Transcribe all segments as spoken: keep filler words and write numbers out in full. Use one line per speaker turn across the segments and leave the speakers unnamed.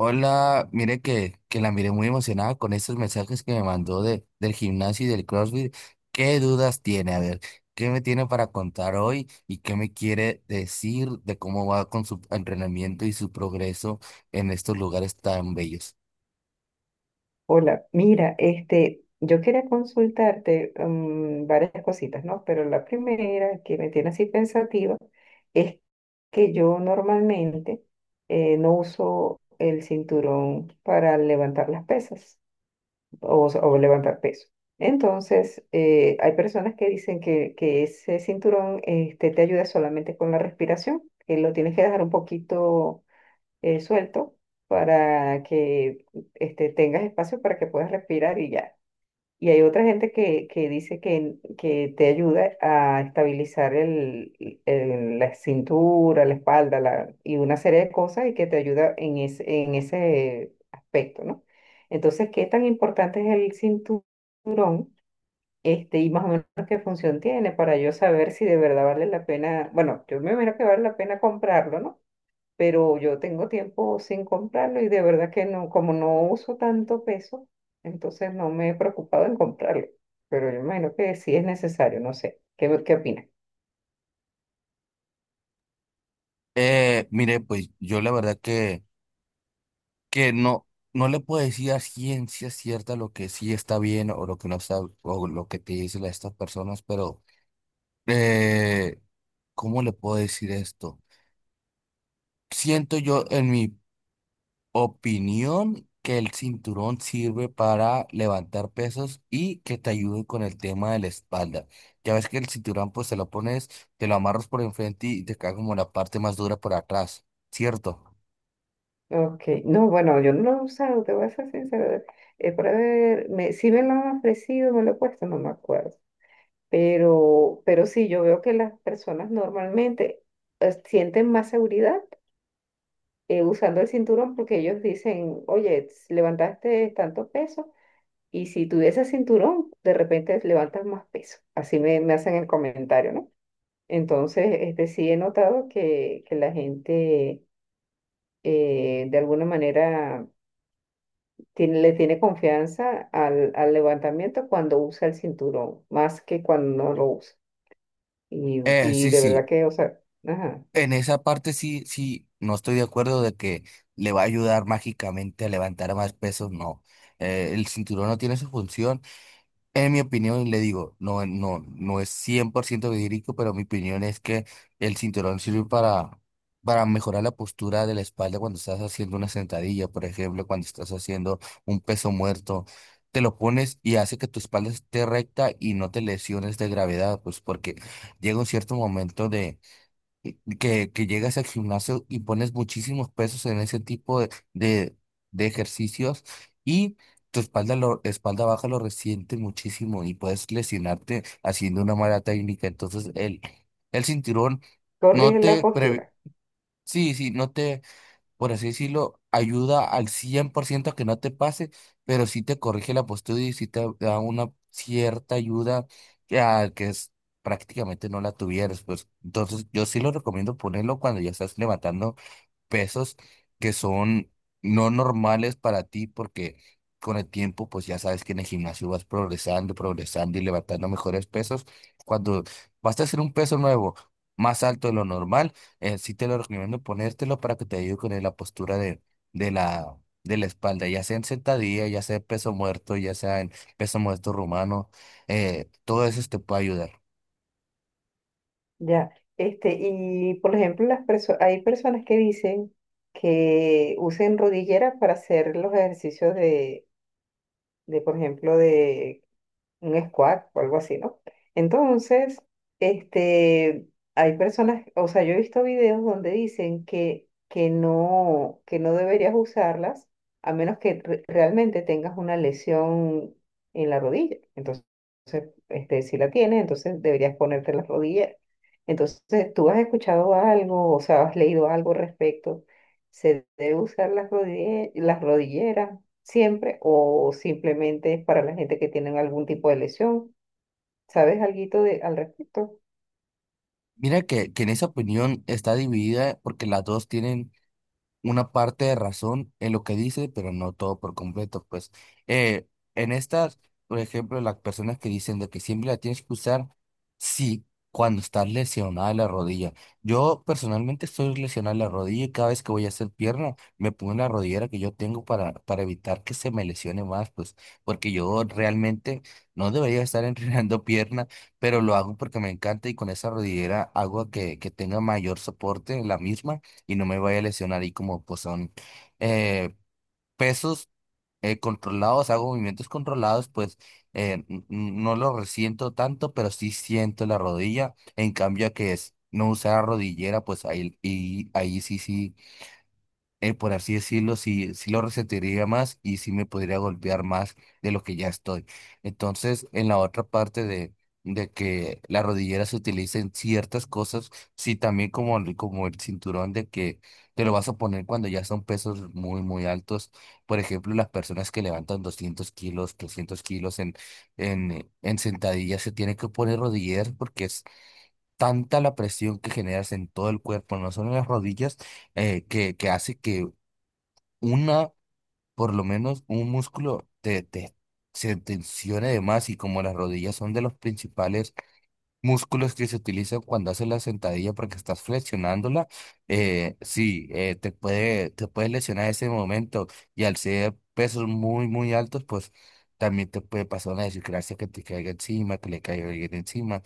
Hola, mire que, que la miré muy emocionada con estos mensajes que me mandó de, del gimnasio y del CrossFit. ¿Qué dudas tiene? A ver, ¿qué me tiene para contar hoy y qué me quiere decir de cómo va con su entrenamiento y su progreso en estos lugares tan bellos?
Hola, mira, este, yo quería consultarte mm, varias cositas, ¿no? Pero la primera que me tiene así pensativa es que yo normalmente eh, no uso el cinturón para levantar las pesas o, s- o levantar peso. Entonces, eh, hay personas que dicen que, que ese cinturón este, te ayuda solamente con la respiración, que lo tienes que dejar un poquito eh, suelto para que este, tengas espacio para que puedas respirar y ya. Y hay otra gente que, que dice que, que te ayuda a estabilizar el, el- la cintura, la espalda la, y una serie de cosas y que te ayuda en ese, en ese aspecto, ¿no? Entonces, ¿qué tan importante es el cinturón? Este, y más o menos qué función tiene para yo saber si de verdad vale la pena, bueno, yo me imagino que vale la pena comprarlo, ¿no? Pero yo tengo tiempo sin comprarlo y de verdad que no, como no uso tanto peso, entonces no me he preocupado en comprarlo, pero yo imagino que sí es necesario, no sé, ¿qué, ¿qué opinas?
Eh, mire, pues yo la verdad que, que no, no le puedo decir a ciencia cierta lo que sí está bien o lo que no está, o lo que te dicen estas personas, pero eh, ¿cómo le puedo decir esto? Siento yo, en mi opinión, que el cinturón sirve para levantar pesos y que te ayude con el tema de la espalda. Ya ves que el cinturón, pues te lo pones, te lo amarras por enfrente y te cae como la parte más dura por atrás, ¿cierto?
Ok, no, bueno, yo no lo he usado, te voy a ser sincera, eh, para ver, me, si me lo han ofrecido, me lo he puesto, no me acuerdo, pero, pero sí, yo veo que las personas normalmente eh, sienten más seguridad eh, usando el cinturón porque ellos dicen, oye, s- levantaste tanto peso, y si tuviese cinturón, de repente levantas más peso. Así me, me hacen el comentario, ¿no? Entonces, este, sí he notado que, que la gente eh, de alguna manera tiene, le tiene confianza al, al levantamiento cuando usa el cinturón, más que cuando no lo usa. Y,
Eh,
y
sí,
de verdad
sí.
que, o sea, ajá,
En esa parte sí, sí, no estoy de acuerdo de que le va a ayudar mágicamente a levantar más pesos, no. Eh, el cinturón no tiene su función. En mi opinión, le digo, no, no, no es cien por ciento verídico, pero mi opinión es que el cinturón sirve para, para mejorar la postura de la espalda cuando estás haciendo una sentadilla, por ejemplo, cuando estás haciendo un peso muerto. Te lo pones y hace que tu espalda esté recta y no te lesiones de gravedad, pues porque llega un cierto momento eh, que, que llegas al gimnasio y pones muchísimos pesos en ese tipo de, de, de ejercicios y tu espalda, lo, espalda baja lo resiente muchísimo y puedes lesionarte haciendo una mala técnica. Entonces el, el cinturón no
corrige la
te... previ-
postura.
sí, sí, no te, por así decirlo, ayuda al cien por ciento a que no te pase, pero sí te corrige la postura y sí te da una cierta ayuda que, a- que es, prácticamente no la tuvieras. Pues. Entonces, yo sí lo recomiendo ponerlo cuando ya estás levantando pesos que son no normales para ti porque con el tiempo pues ya sabes que en el gimnasio vas progresando, progresando y levantando mejores pesos. Cuando vas a hacer un peso nuevo más alto de lo normal, eh, sí te lo recomiendo ponértelo para que te ayude con la postura de, de la, de la espalda, ya sea en sentadilla, ya sea en peso muerto, ya sea en peso muerto rumano. Eh, todo eso te puede ayudar.
Ya. Este, y por ejemplo, las perso- hay personas que dicen que usen rodilleras para hacer los ejercicios de de, por ejemplo, de un squat o algo así, ¿no? Entonces, este, hay personas, o sea, yo he visto videos donde dicen que, que no, que no deberías usarlas a menos que re- realmente tengas una lesión en la rodilla. Entonces, este, si la tienes, entonces deberías ponerte las rodillas. Entonces, ¿tú has escuchado algo, o sea, has leído algo al respecto? ¿Se debe usar las rodille- las rodilleras siempre o simplemente es para la gente que tienen algún tipo de lesión? ¿Sabes alguito de, al respecto?
Mira que, que en esa opinión está dividida porque las dos tienen una parte de razón en lo que dice, pero no todo por completo, pues. Eh, en estas, por ejemplo, las personas que dicen de que siempre la tienes que usar, sí, cuando estás lesionada de la rodilla. Yo personalmente estoy lesionada de la rodilla y cada vez que voy a hacer pierna, me pongo en la rodillera que yo tengo para, para evitar que se me lesione más, pues, porque yo realmente no debería estar entrenando pierna, pero lo hago porque me encanta y con esa rodillera hago que, que tenga mayor soporte en la misma y no me vaya a lesionar. Y como pues son eh, pesos eh, controlados, hago movimientos controlados, pues eh, n- n- no lo resiento tanto, pero sí siento la rodilla. En cambio a que es no usar rodillera, pues ahí, y ahí sí, sí, eh, por así decirlo, sí, sí lo resentiría más y sí me podría golpear más de lo que ya estoy. Entonces, en la otra parte de, de que la rodillera se utilice en ciertas cosas, sí también como, el- como el cinturón de que te lo vas a poner cuando ya son pesos muy, muy altos. Por ejemplo, las personas que levantan doscientos kilos, trescientos kilos en, en, en sentadillas se tienen que poner rodilleras porque es tanta la presión que generas en todo el cuerpo, no solo en las rodillas, eh, que, que hace que una, por lo menos un músculo te, te- se tensione de más y como las rodillas son de los principales músculos que se utilizan cuando haces la sentadilla porque estás flexionándola, eh, sí, eh, te puede, te puedes lesionar ese momento y al ser pesos muy, muy altos, pues también te puede pasar una desgracia que te caiga encima, que le caiga alguien encima.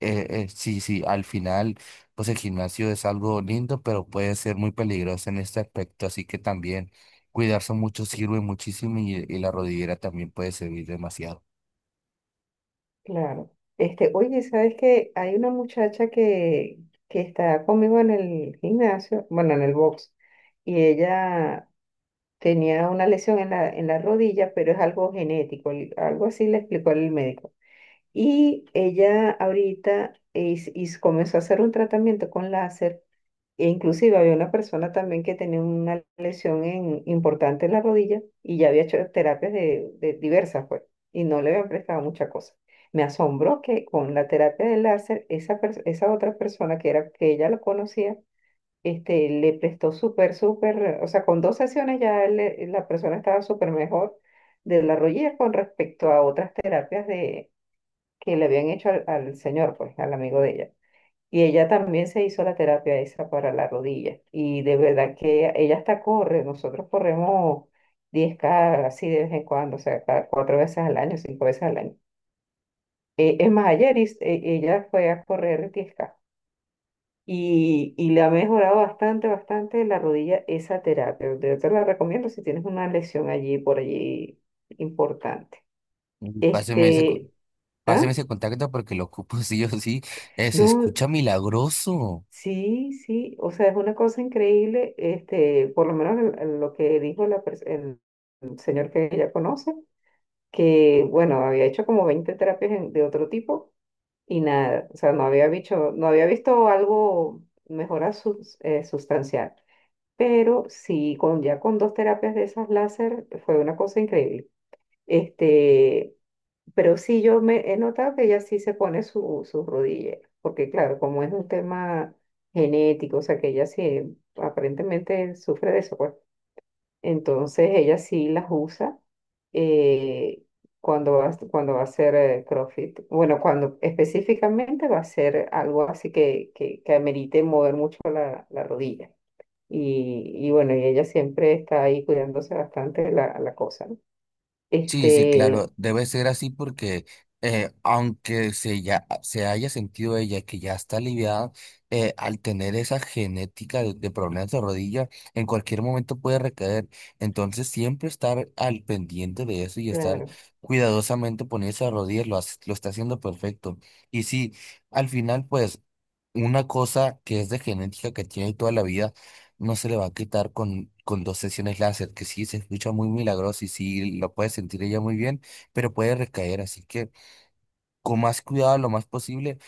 Eh, eh, sí, sí, al final, pues el gimnasio es algo lindo, pero puede ser muy peligroso en este aspecto, así que también cuidarse mucho sirve muchísimo y, y la rodillera también puede servir demasiado.
Claro. Este, oye, ¿sabes que hay una muchacha que, que está conmigo en el gimnasio, bueno, en el box, y ella tenía una lesión en la, en la rodilla, pero es algo genético, el- algo así le explicó el médico. Y ella ahorita es- y comenzó a hacer un tratamiento con láser. E inclusive había una persona también que tenía una lesión en- importante en la rodilla y ya había hecho terapias de, de diversas, pues, y no le habían prestado mucha cosa. Me asombró que con la terapia del láser, esa, pers- esa otra persona que, era, que ella lo conocía, este, le prestó súper, súper, o sea, con dos sesiones ya él le- la persona estaba súper mejor de la rodilla con respecto a otras terapias de, que le habían hecho al, al señor, pues, al amigo de ella. Y ella también se hizo la terapia esa para la rodilla. Y de verdad que ella hasta corre. Nosotros corremos diez K así de vez en cuando, o sea, cada cuatro veces al año, cinco veces al año. Eh, es más, ayer is- eh, ella fue a correr diez K. Y, y le ha mejorado bastante, bastante la rodilla esa terapia. Yo te la recomiendo si tienes una lesión allí, por allí, importante.
Mm, Páseme ese, co-
Este, ¿ah?
páseme ese contacto porque lo ocupo sí o sí. Eh, se
No.
escucha milagroso.
Sí, sí, o sea, es una cosa increíble, este, por lo menos el- el- lo que dijo la pers- el, el señor que ella conoce, que bueno, había hecho como veinte terapias en- de otro tipo y nada, o sea, no había visto, no había visto algo mejora sus- eh, sustancial, pero sí, con, ya con dos terapias de esas láser fue una cosa increíble. Este, pero sí, yo me he notado que ella sí se pone su, su rodilla porque claro, como es un tema genético, o sea, que ella sí aparentemente sufre de eso, pues. Entonces ella sí las usa eh, cuando va, cuando va a hacer eh, CrossFit. Bueno, cuando específicamente va a hacer algo así que, que, que amerite mover mucho la, la rodilla. Y, y bueno, y ella siempre está ahí cuidándose bastante la, la cosa, ¿no?
Sí, sí,
Este,
claro, debe ser así porque, eh, aunque se, ya, se haya sentido ella que ya está aliviada, eh, al tener esa genética de, de problemas de rodilla, en cualquier momento puede recaer. Entonces, siempre estar al pendiente de eso y estar
claro.
cuidadosamente poniendo a rodillas lo, hace- lo está haciendo perfecto. Y sí, al final, pues, una cosa que es de genética que tiene toda la vida no se le va a quitar con, con dos sesiones láser, que sí se escucha muy milagroso y sí lo puede sentir ella muy bien, pero puede recaer, así que con más cuidado lo más posible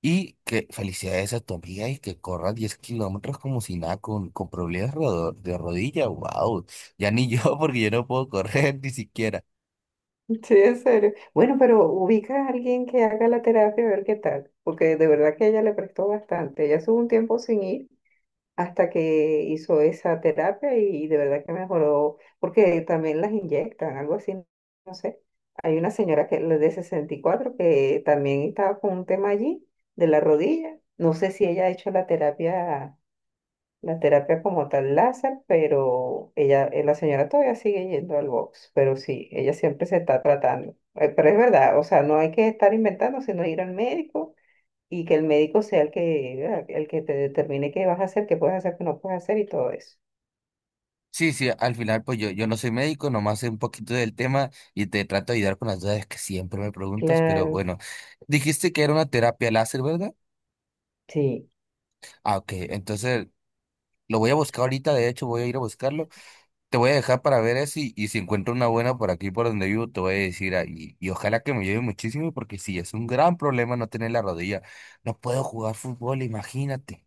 y que felicidades a tu amiga y que corra diez kilómetros como si nada, con, con problemas rodo- de rodilla, wow, ya ni yo porque yo no puedo correr ni siquiera.
Sí, en serio. Bueno, pero ubica a alguien que haga la terapia a ver qué tal, porque de verdad que ella le prestó bastante. Ella estuvo un tiempo sin ir hasta que hizo esa terapia y de verdad que mejoró, porque también las inyectan, algo así, no sé. Hay una señora que la de sesenta y cuatro que también estaba con un tema allí de la rodilla. No sé si ella ha hecho la terapia la terapia como tal láser, pero ella, eh, la señora todavía sigue yendo al box, pero sí, ella siempre se está tratando. Eh, Pero es verdad, o sea, no hay que estar inventando, sino ir al médico y que el médico sea el que, ¿verdad?, el que te determine qué vas a hacer, qué puedes hacer, qué no puedes hacer y todo eso.
Sí, sí, al final pues yo, yo no soy médico, nomás sé un poquito del tema y te trato de ayudar con las dudas que siempre me preguntas, pero
Claro,
bueno, dijiste que era una terapia láser, ¿verdad?
sí,
Ah, ok. Entonces, lo voy a buscar ahorita, de hecho, voy a ir a buscarlo. Te voy a dejar para ver eso y, y si encuentro una buena por aquí, por donde vivo, te voy a decir ahí. Y ojalá que me lleve muchísimo porque sí, es un gran problema no tener la rodilla. No puedo jugar fútbol, imagínate.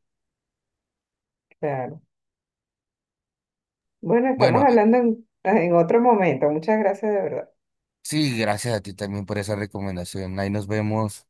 claro. Bueno, estamos
Bueno, eh,
hablando en, en otro momento. Muchas gracias de verdad.
sí, gracias a ti también por esa recomendación. Ahí nos vemos.